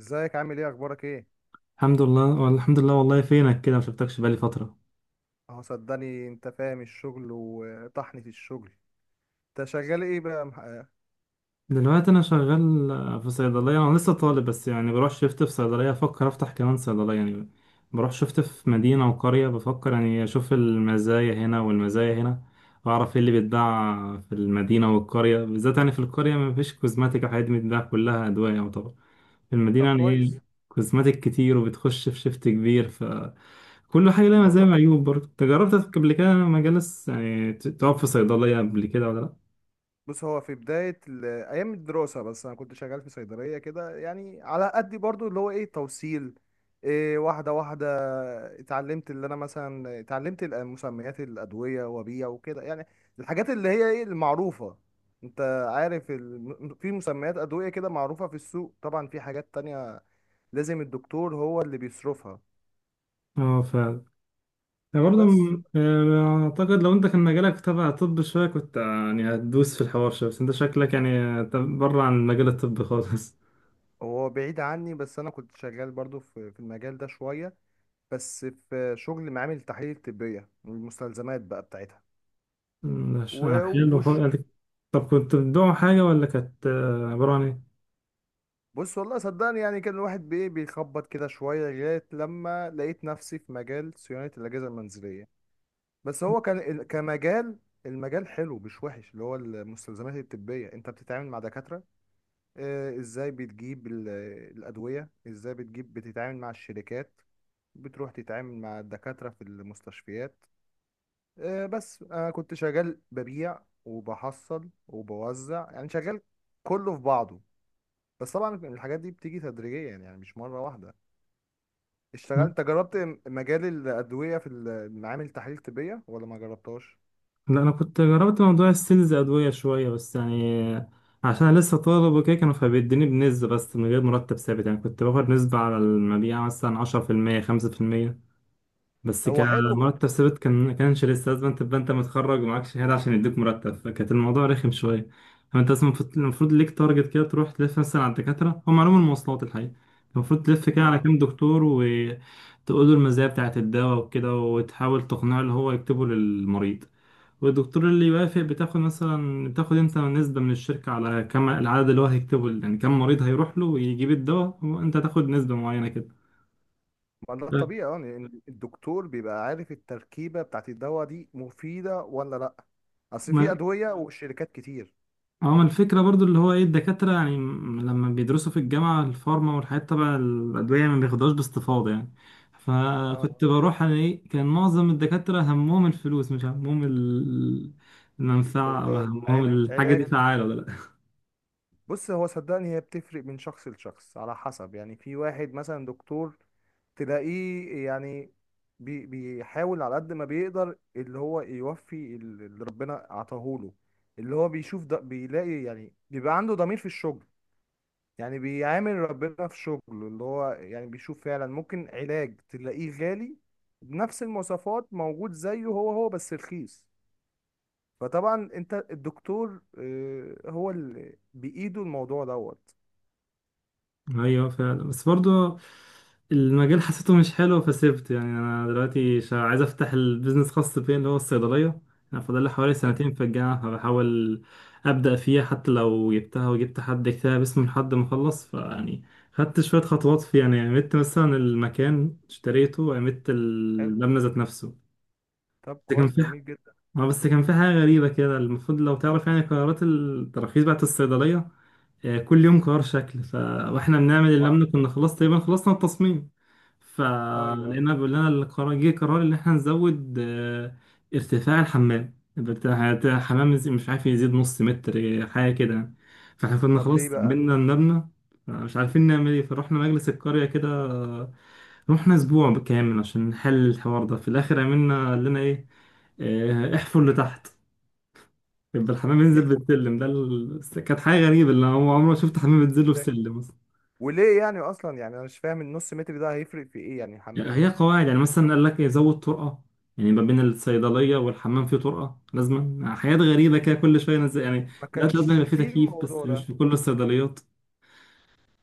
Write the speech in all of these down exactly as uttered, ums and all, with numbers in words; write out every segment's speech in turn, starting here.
ازيك؟ عامل ايه؟ اخبارك ايه؟ الحمد لله والله- الحمد لله والله. فينك كده؟ ما شفتكش بقالي فترة. اهو صدقني انت فاهم الشغل وطحني في الشغل. انت شغال ايه بقى مح- دلوقتي انا شغال آه، في صيدلية، انا لسه طالب بس يعني بروح شفت في صيدلية، افكر افتح كمان صيدلية يعني. بروح شفت في مدينة وقرية، بفكر يعني اشوف المزايا هنا والمزايا هنا، واعرف ايه اللي بيتباع في المدينة والقرية. بالذات يعني في القرية ما فيش كوزماتيك او حاجات، بتتباع كلها ادوية يعتبر. في المدينة طب يعني ايه، كويس. كوزماتيك كتير وبتخش في شفت كبير. كل حاجة لها مزايا الموضوع، وعيوب. برضه انت جربت قبل كده مجالس، يعني ت- تقف في صيدلية قبل كده ولا لأ؟ بص، هو في بداية ال- ايام الدراسة بس انا كنت شغال في صيدلية كده، يعني على قد برضو اللي هو ايه، توصيل. إيه؟ واحدة واحدة اتعلمت، اللي انا مثلا اتعلمت ال- مسميات الادوية وبيع وكده يعني. الحاجات اللي هي ايه المعروفة، انت عارف ال... في مسميات ادوية كده معروفة في السوق. طبعا في حاجات تانية لازم الدكتور هو اللي بيصرفها. اه، فعلا. يعني برضه بس م- آه، أعتقد لو أنت كان مجالك تبع طب شوية، كنت آه، يعني هتدوس في الحوار شوية. بس أنت شكلك يعني آه، ت- بره عن مجال الطب خالص. هو بعيد عني. بس انا كنت شغال برضو في في المجال ده شوية. بس في شغل معامل التحاليل الطبية، المستلزمات بقى بتاعتها. مش و- حلو خالص وش؟ يعني. طب كنت بتدعوا حاجة، ولا كانت آه، عبارة عن بص والله صدقني، يعني كان الواحد بإيه، بيخبط كده شوية، لغاية لما لقيت نفسي في مجال صيانة الأجهزة المنزلية. بس هو كان ال- كمجال، المجال حلو مش وحش، اللي هو المستلزمات الطبية. انت بتتعامل مع دكاترة، آه، ازاي بتجيب ال- الأدوية، ازاي بتجيب، بتتعامل مع الشركات، بتروح تتعامل مع الدكاترة في المستشفيات. آه، بس أنا كنت شغال ببيع وبحصل وبوزع يعني، شغال كله في بعضه. بس طبعا الحاجات دي بتيجي تدريجيا يعني مش مرة واحدة. اشتغلت، إيه؟ انت جربت م- مجال الأدوية في ال- معامل تحاليل طبية ولا ما جربتهاش؟ لا، انا كنت جربت موضوع السيلز ادويه شويه بس يعني، عشان أنا لسه طالب وكده، كانوا فبيديني بنسبه بس من غير مرتب ثابت. يعني كنت باخد نسبه على المبيع، مثلا عشرة في المية خمسة في المية. بس هو حلو. كمرتب ثابت كان كانش لسه، لازم تبقى انت متخرج ومعاك شهاده عشان يديك مرتب، فكانت الموضوع رخم شويه. فانت اصلا المفروض المفروض ليك تارجت كده، تروح تلف مثلا على الدكاتره، هم علوم المواصلات الحقيقه. المفروض تلف كده على اه، كام دكتور وتقول له المزايا بتاعت الدواء وكده، وتحاول تقنعه اللي هو يكتبه للمريض. والدكتور اللي يوافق بتاخد مثلا، بتاخد انت نسبة من الشركة على كم العدد اللي هو هيكتبه، يعني كم مريض هيروح له ويجيب الدواء وانت تاخد نسبة معينة كده. ما ده ف- الطبيعي، اه، لأن الدكتور بيبقى عارف التركيبة بتاعت الدواء دي مفيدة ولا لأ. أصل في ما أدوية وشركات كتير. اه، ما الفكرة برضو اللي هو ايه الدكاترة، يعني م- لما بيدرسوا في الجامعة الفارما والحاجات تبع الأدوية، ما بياخدوهاش باستفاضة يعني. اه، فكنت بروح انا ايه، كان معظم الدكاترة همهم الفلوس مش همهم ال- المنفعة، او همهم الحاجة العلاج. دي فعالة ولا. بص هو صدقني، هي بتفرق من شخص لشخص على حسب. يعني في واحد مثلا دكتور تلاقيه يعني بي بيحاول على قد ما بيقدر اللي هو يوفي ال- اللي ربنا عطاهوله. اللي هو بيشوف ده بيلاقي، يعني بيبقى عنده ضمير في الشغل، يعني بيعامل ربنا في شغله. اللي هو يعني بيشوف فعلا ممكن علاج تلاقيه غالي بنفس المواصفات موجود زيه، هو هو بس رخيص. فطبعا انت الدكتور، آه، هو اللي بإيده الموضوع دوت. ايوه فعلا. بس برضو المجال حسيته مش حلو فسيبت، يعني انا دلوقتي شا- عايز افتح البيزنس خاص بيا اللي هو الصيدليه. انا فاضل لي حوالي سنتين في الجامعه، فبحاول ابدا فيها حتى لو جبتها وجبت حد يكتبها باسمي لحد ما اخلص فيعني. خدت شويه خطوات في يعني، عملت مثلا المكان اشتريته وعملت حلو. المبنى ذات نفسه. طب بس كان كويس، في ح- جميل جدا. اه بس كان في حاجه غريبه كده. المفروض لو تعرف يعني قرارات التراخيص بتاعت الصيدليه، آه، كل يوم قرار شكل ف... واحنا بنعمل اللي ما لم كنا خلاص تقريبا خلصنا التصميم. ايوه ايوه. فلقينا بيقول لنا القرار، جه قرار ان احنا نزود آه، ارتفاع الحمام بتاع بتاع الحمام يزيد- مش عارف يزيد نص متر، آه، حاجه كده يعني. فاحنا كنا طب ليه خلاص بقى؟ عملنا المبنى، مش عارفين نعمل ايه. فروحنا مجلس القريه كده، آه، رحنا اسبوع كامل عشان نحل الحوار ده. في الاخر عملنا قال لنا ايه؟ آه، احفر مم. لتحت، يبقى الحمام ينزل يحفر بالسلم ده ال... كانت حاجة غريبة، اللي هو عمره ما ازاي؟ شفت حمام بينزل له إزاي؟ بالسلم مثلا. وليه يعني اصلا؟ يعني انا مش فاهم النص متر ده هيفرق في ايه يعني يعني الحمام؟ هي قواعد، يعني مثلا قال لك يزود طرقة، يعني ما بين الصيدلية والحمام في طرقة، لازما حاجات غريبة كده كل شوية نزل يعني. ما دلوقتي كانش لازم يبقى في فيه تكييف، بس الموضوع مش ده. في كل الصيدليات.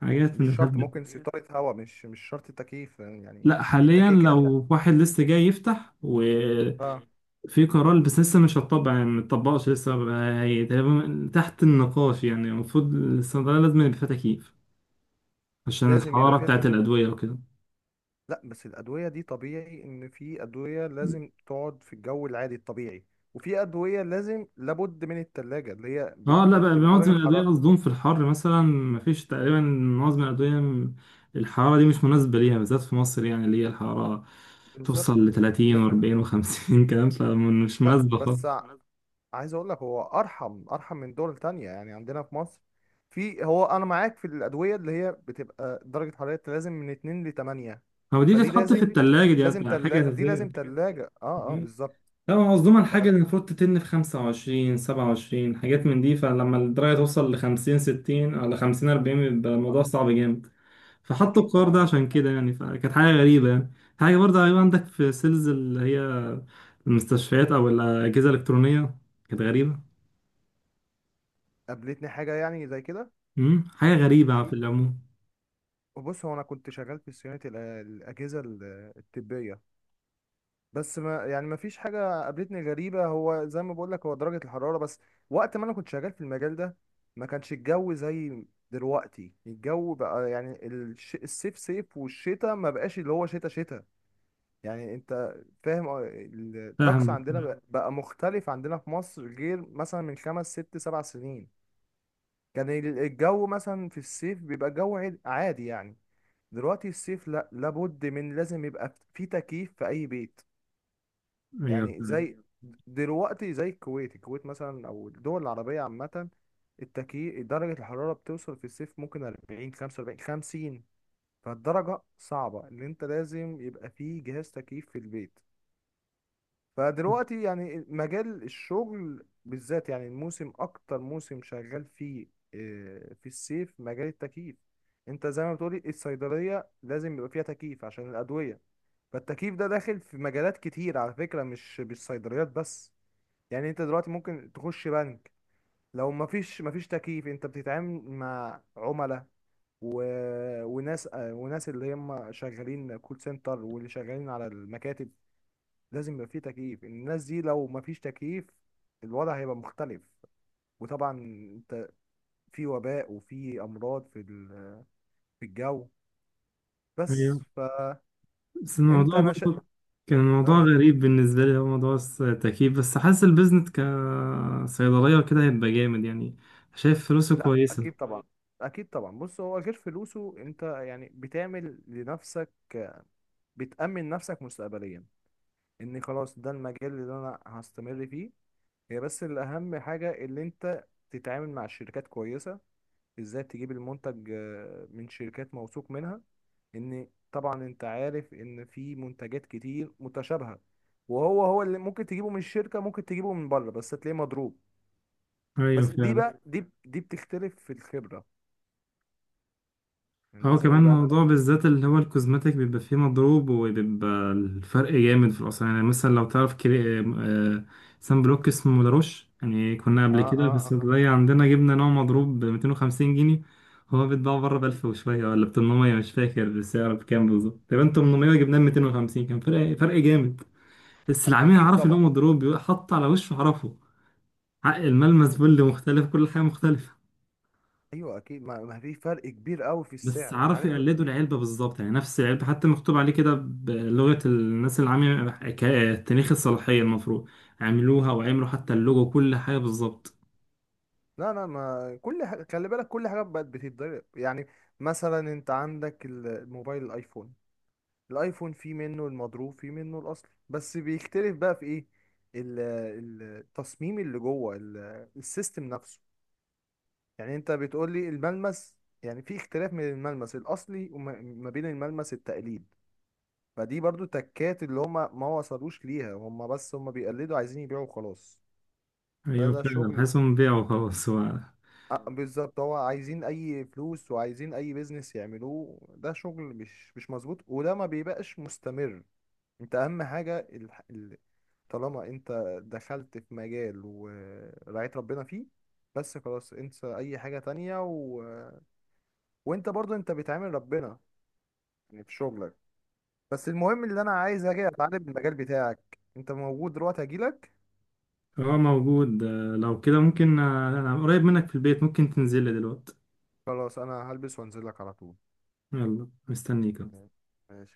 حاجات من مش شرط، الهبل ده. ممكن سيطرة هواء، مش مش شرط تكييف يعني. لا، انت حاليا كده كده. لو واحد لسه جاي يفتح وفي اه. قرار، بس لسه مش هتطبق يعني متطبقش لسه بقى- هي تقريبا تحت النقاش. يعني المفروض الصيدلية لازم يبقى فيها تكييف عشان لازم يبقى الحرارة فيها بتاعت تكييف. الأدوية وكده. لا، بس الادوية دي طبيعي ان في ادوية لازم تقعد في الجو العادي الطبيعي، وفي ادوية لازم، لابد من التلاجة، اللي هي اه، بت... لا بقى بتبقى معظم درجة الأدوية حرارة. مصدوم في الحر، مثلا مفيش تقريبا معظم الأدوية م- الحرارة دي مش مناسبة ليها، بالذات في مصر يعني اللي هي الحرارة بالظبط. توصل لتلاتين لا وأربعين وخمسين كلام، فمش لا. مناسبة بس خالص. عايز اقول لك، هو ارحم ارحم من دول تانية. يعني عندنا في مصر في، هو انا معاك في الادويه اللي هي بتبقى درجه حرارتها لازم من اتنين ل تمنية. هو دي فدي بتتحط في لازم، التلاجة، لازم دي حاجة تلا دي أساسية. لازم تلاجة، اه اه، بالظبط. لا، هو مصدومة ف- الحاجة اللي المفروض تتن في خمسة وعشرين سبعة وعشرين، حاجات من دي. فلما الدرجة توصل لخمسين ستين أو لخمسين أربعين، بيبقى الموضوع صعب جامد، فحطوا اكيد القرار طبعا ده الموضوع عشان كده يعني، فكانت حاجة غريبة يعني. حاجة برضه، أيوة عندك في سيلز اللي هي المستشفيات او الاجهزه الالكترونيه، كانت غريبه. قابلتني حاجه يعني زي كده. امم حاجه هي، غريبه في العموم. بص، هو انا كنت شغال في صيانه الأ- الاجهزه ال- الطبيه. بس ما يعني ما فيش حاجة قابلتني غريبة. هو زي ما بقول لك، هو درجة الحرارة بس. وقت ما انا كنت شغال في المجال ده ما كانش الجو زي دلوقتي. الجو بقى يعني الش... الصيف صيف والشتاء ما بقاش اللي هو شتاء شتاء. يعني انت فاهم، اه. الطقس فاهمك. عندنا بقى، مم. بقى مختلف عندنا في مصر غير مثلا من خمس ست سبع سنين. كان ال- الجو مثلا في الصيف بيبقى جو عاد- عادي يعني. دلوقتي الصيف لا، لابد من لازم يبقى في تكييف في اي بيت. ايوه يعني فعلا. زي دلوقتي زي الكويت، الكويت مثلا او الدول العربية عامة، التكييف، درجة الحرارة بتوصل في الصيف ممكن اربعين خمسة واربعين خمسين. فالدرجة صعبة، اللي انت لازم يبقى فيه جهاز تكييف في البيت. فدلوقتي يعني مجال الشغل بالذات، يعني الموسم اكتر موسم شغال فيه آه، في الصيف مجال التكييف. انت زي ما بتقولي الصيدلية لازم يبقى فيها تكييف عشان الأدوية. فالتكييف ده داخل في مجالات كتير على فكرة، مش مش صيدليات بس. يعني انت دلوقتي ممكن تخش بنك، لو مفيش مفيش تكييف، انت بتتعامل مع عملاء و... وناس، آه، وناس اللي هم شغالين كول سنتر واللي شغالين على المكاتب، لازم يبقى فيه تكييف. الناس دي لو مفيش تكييف الوضع هيبقى مختلف. وطبعا انت في وباء وفي امراض في ال... في الجو. ايوه، بس فانت، بس الموضوع انا ش... برضه كان الموضوع اه. غريب بالنسبه لي، هو موضوع الس- التكييف. بس حاسس البيزنس كصيدليه وكده هيبقى جامد يعني، شايف فلوسه شايف، لا كويسه. اكيد طبعا كويسة، اكيد طبعا. بص هو غير فلوسه، انت يعني بتعمل لنفسك، بتأمن نفسك مستقبليا، اني خلاص ده المجال اللي انا هستمر فيه. هي بس الاهم حاجة اللي انت تتعامل مع شركات كويسة، ازاي تجيب المنتج، آه، من شركات موثوق منها. ان طبعا انت عارف ان في منتجات كتير متشابهة، وهو هو اللي ممكن تجيبه من الشركة ممكن تجيبه من بره بس تلاقيه مضروب. ايوه بس دي فعلا. بقى، دي دي بتختلف في الخبرة. يعني هو لازم كمان يبقى انت، موضوع بالذات اللي هو الكوزماتيك بيبقى فيه مضروب، وبيبقى الفرق جامد في الأسعار. يعني مثلا لو تعرف كري... آه، سان بلوك اسمه لاروش، يعني كنا اه قبل كده في اه، آه. الصيدلية عندنا، جبنا نوع مضروب ب مئتين وخمسين جنيه. هو بيتباع بره ب ألف وشوية، ولا ب ثمانمائة مش فاكر السعر بكام بالظبط، تقريبا ثمانمائة جبناه ب مئتين وخمسين، كان فرق فرق جامد. بس العميل اكيد عرف إن هو طبعا. مضروب، بيبقى حط على وشه عرفه. عق الملمس ايوه. بل مختلف، كل حاجة مختلفة. أيوة اكيد. ما ما في فرق كبير قوي في بس السعر، عرفوا عارف. يقلدوا العلبة بالظبط، يعني نفس العلبة، حتى مكتوب عليه كده بلغة الناس اللي عاملة ك- تاريخ الصلاحية المفروض، عملوها وعملوا حتى اللوجو كل حاجة بالظبط. لا لا، ما كل حاجة، خلي بالك، كل حاجة بقت بتتضرب يعني. مثلا انت عندك ال- الموبايل، الايفون. الايفون في منه المضروب في منه الاصلي، بس بيختلف بقى في ايه، ال- ال- التصميم اللي جوه ال- السيستم نفسه. يعني انت بتقول لي الملمس، يعني في اختلاف من الملمس الاصلي وما ما بين الملمس التقليد. فدي برضو تكات اللي هما ما وصلوش ليها هما، بس هما بيقلدوا عايزين يبيعوا وخلاص. ده أيوة ده فعلا، شغل، حاسسهم بيعوا خلاص هو. آه، بالظبط. هو عايزين اي فلوس وعايزين اي بيزنس يعملوه. ده شغل مش مش مظبوط وده ما بيبقاش مستمر. انت اهم حاجة ال... ال... طالما انت دخلت في مجال ورعيت ربنا فيه، بس خلاص، انسى اي حاجة تانية، و... وانت برضو انت بتعامل ربنا يعني في شغلك. بس المهم، اللي انا عايز اجي اتعلم المجال بتاعك، انت موجود دلوقتي؟ هجيلك. هو موجود، آه، لو كده ممكن. آه، أنا قريب منك في البيت، ممكن تنزل لي دلوقتي؟ خلاص انا هلبس وانزلك على طول. يلا، مستنيك. ماشي.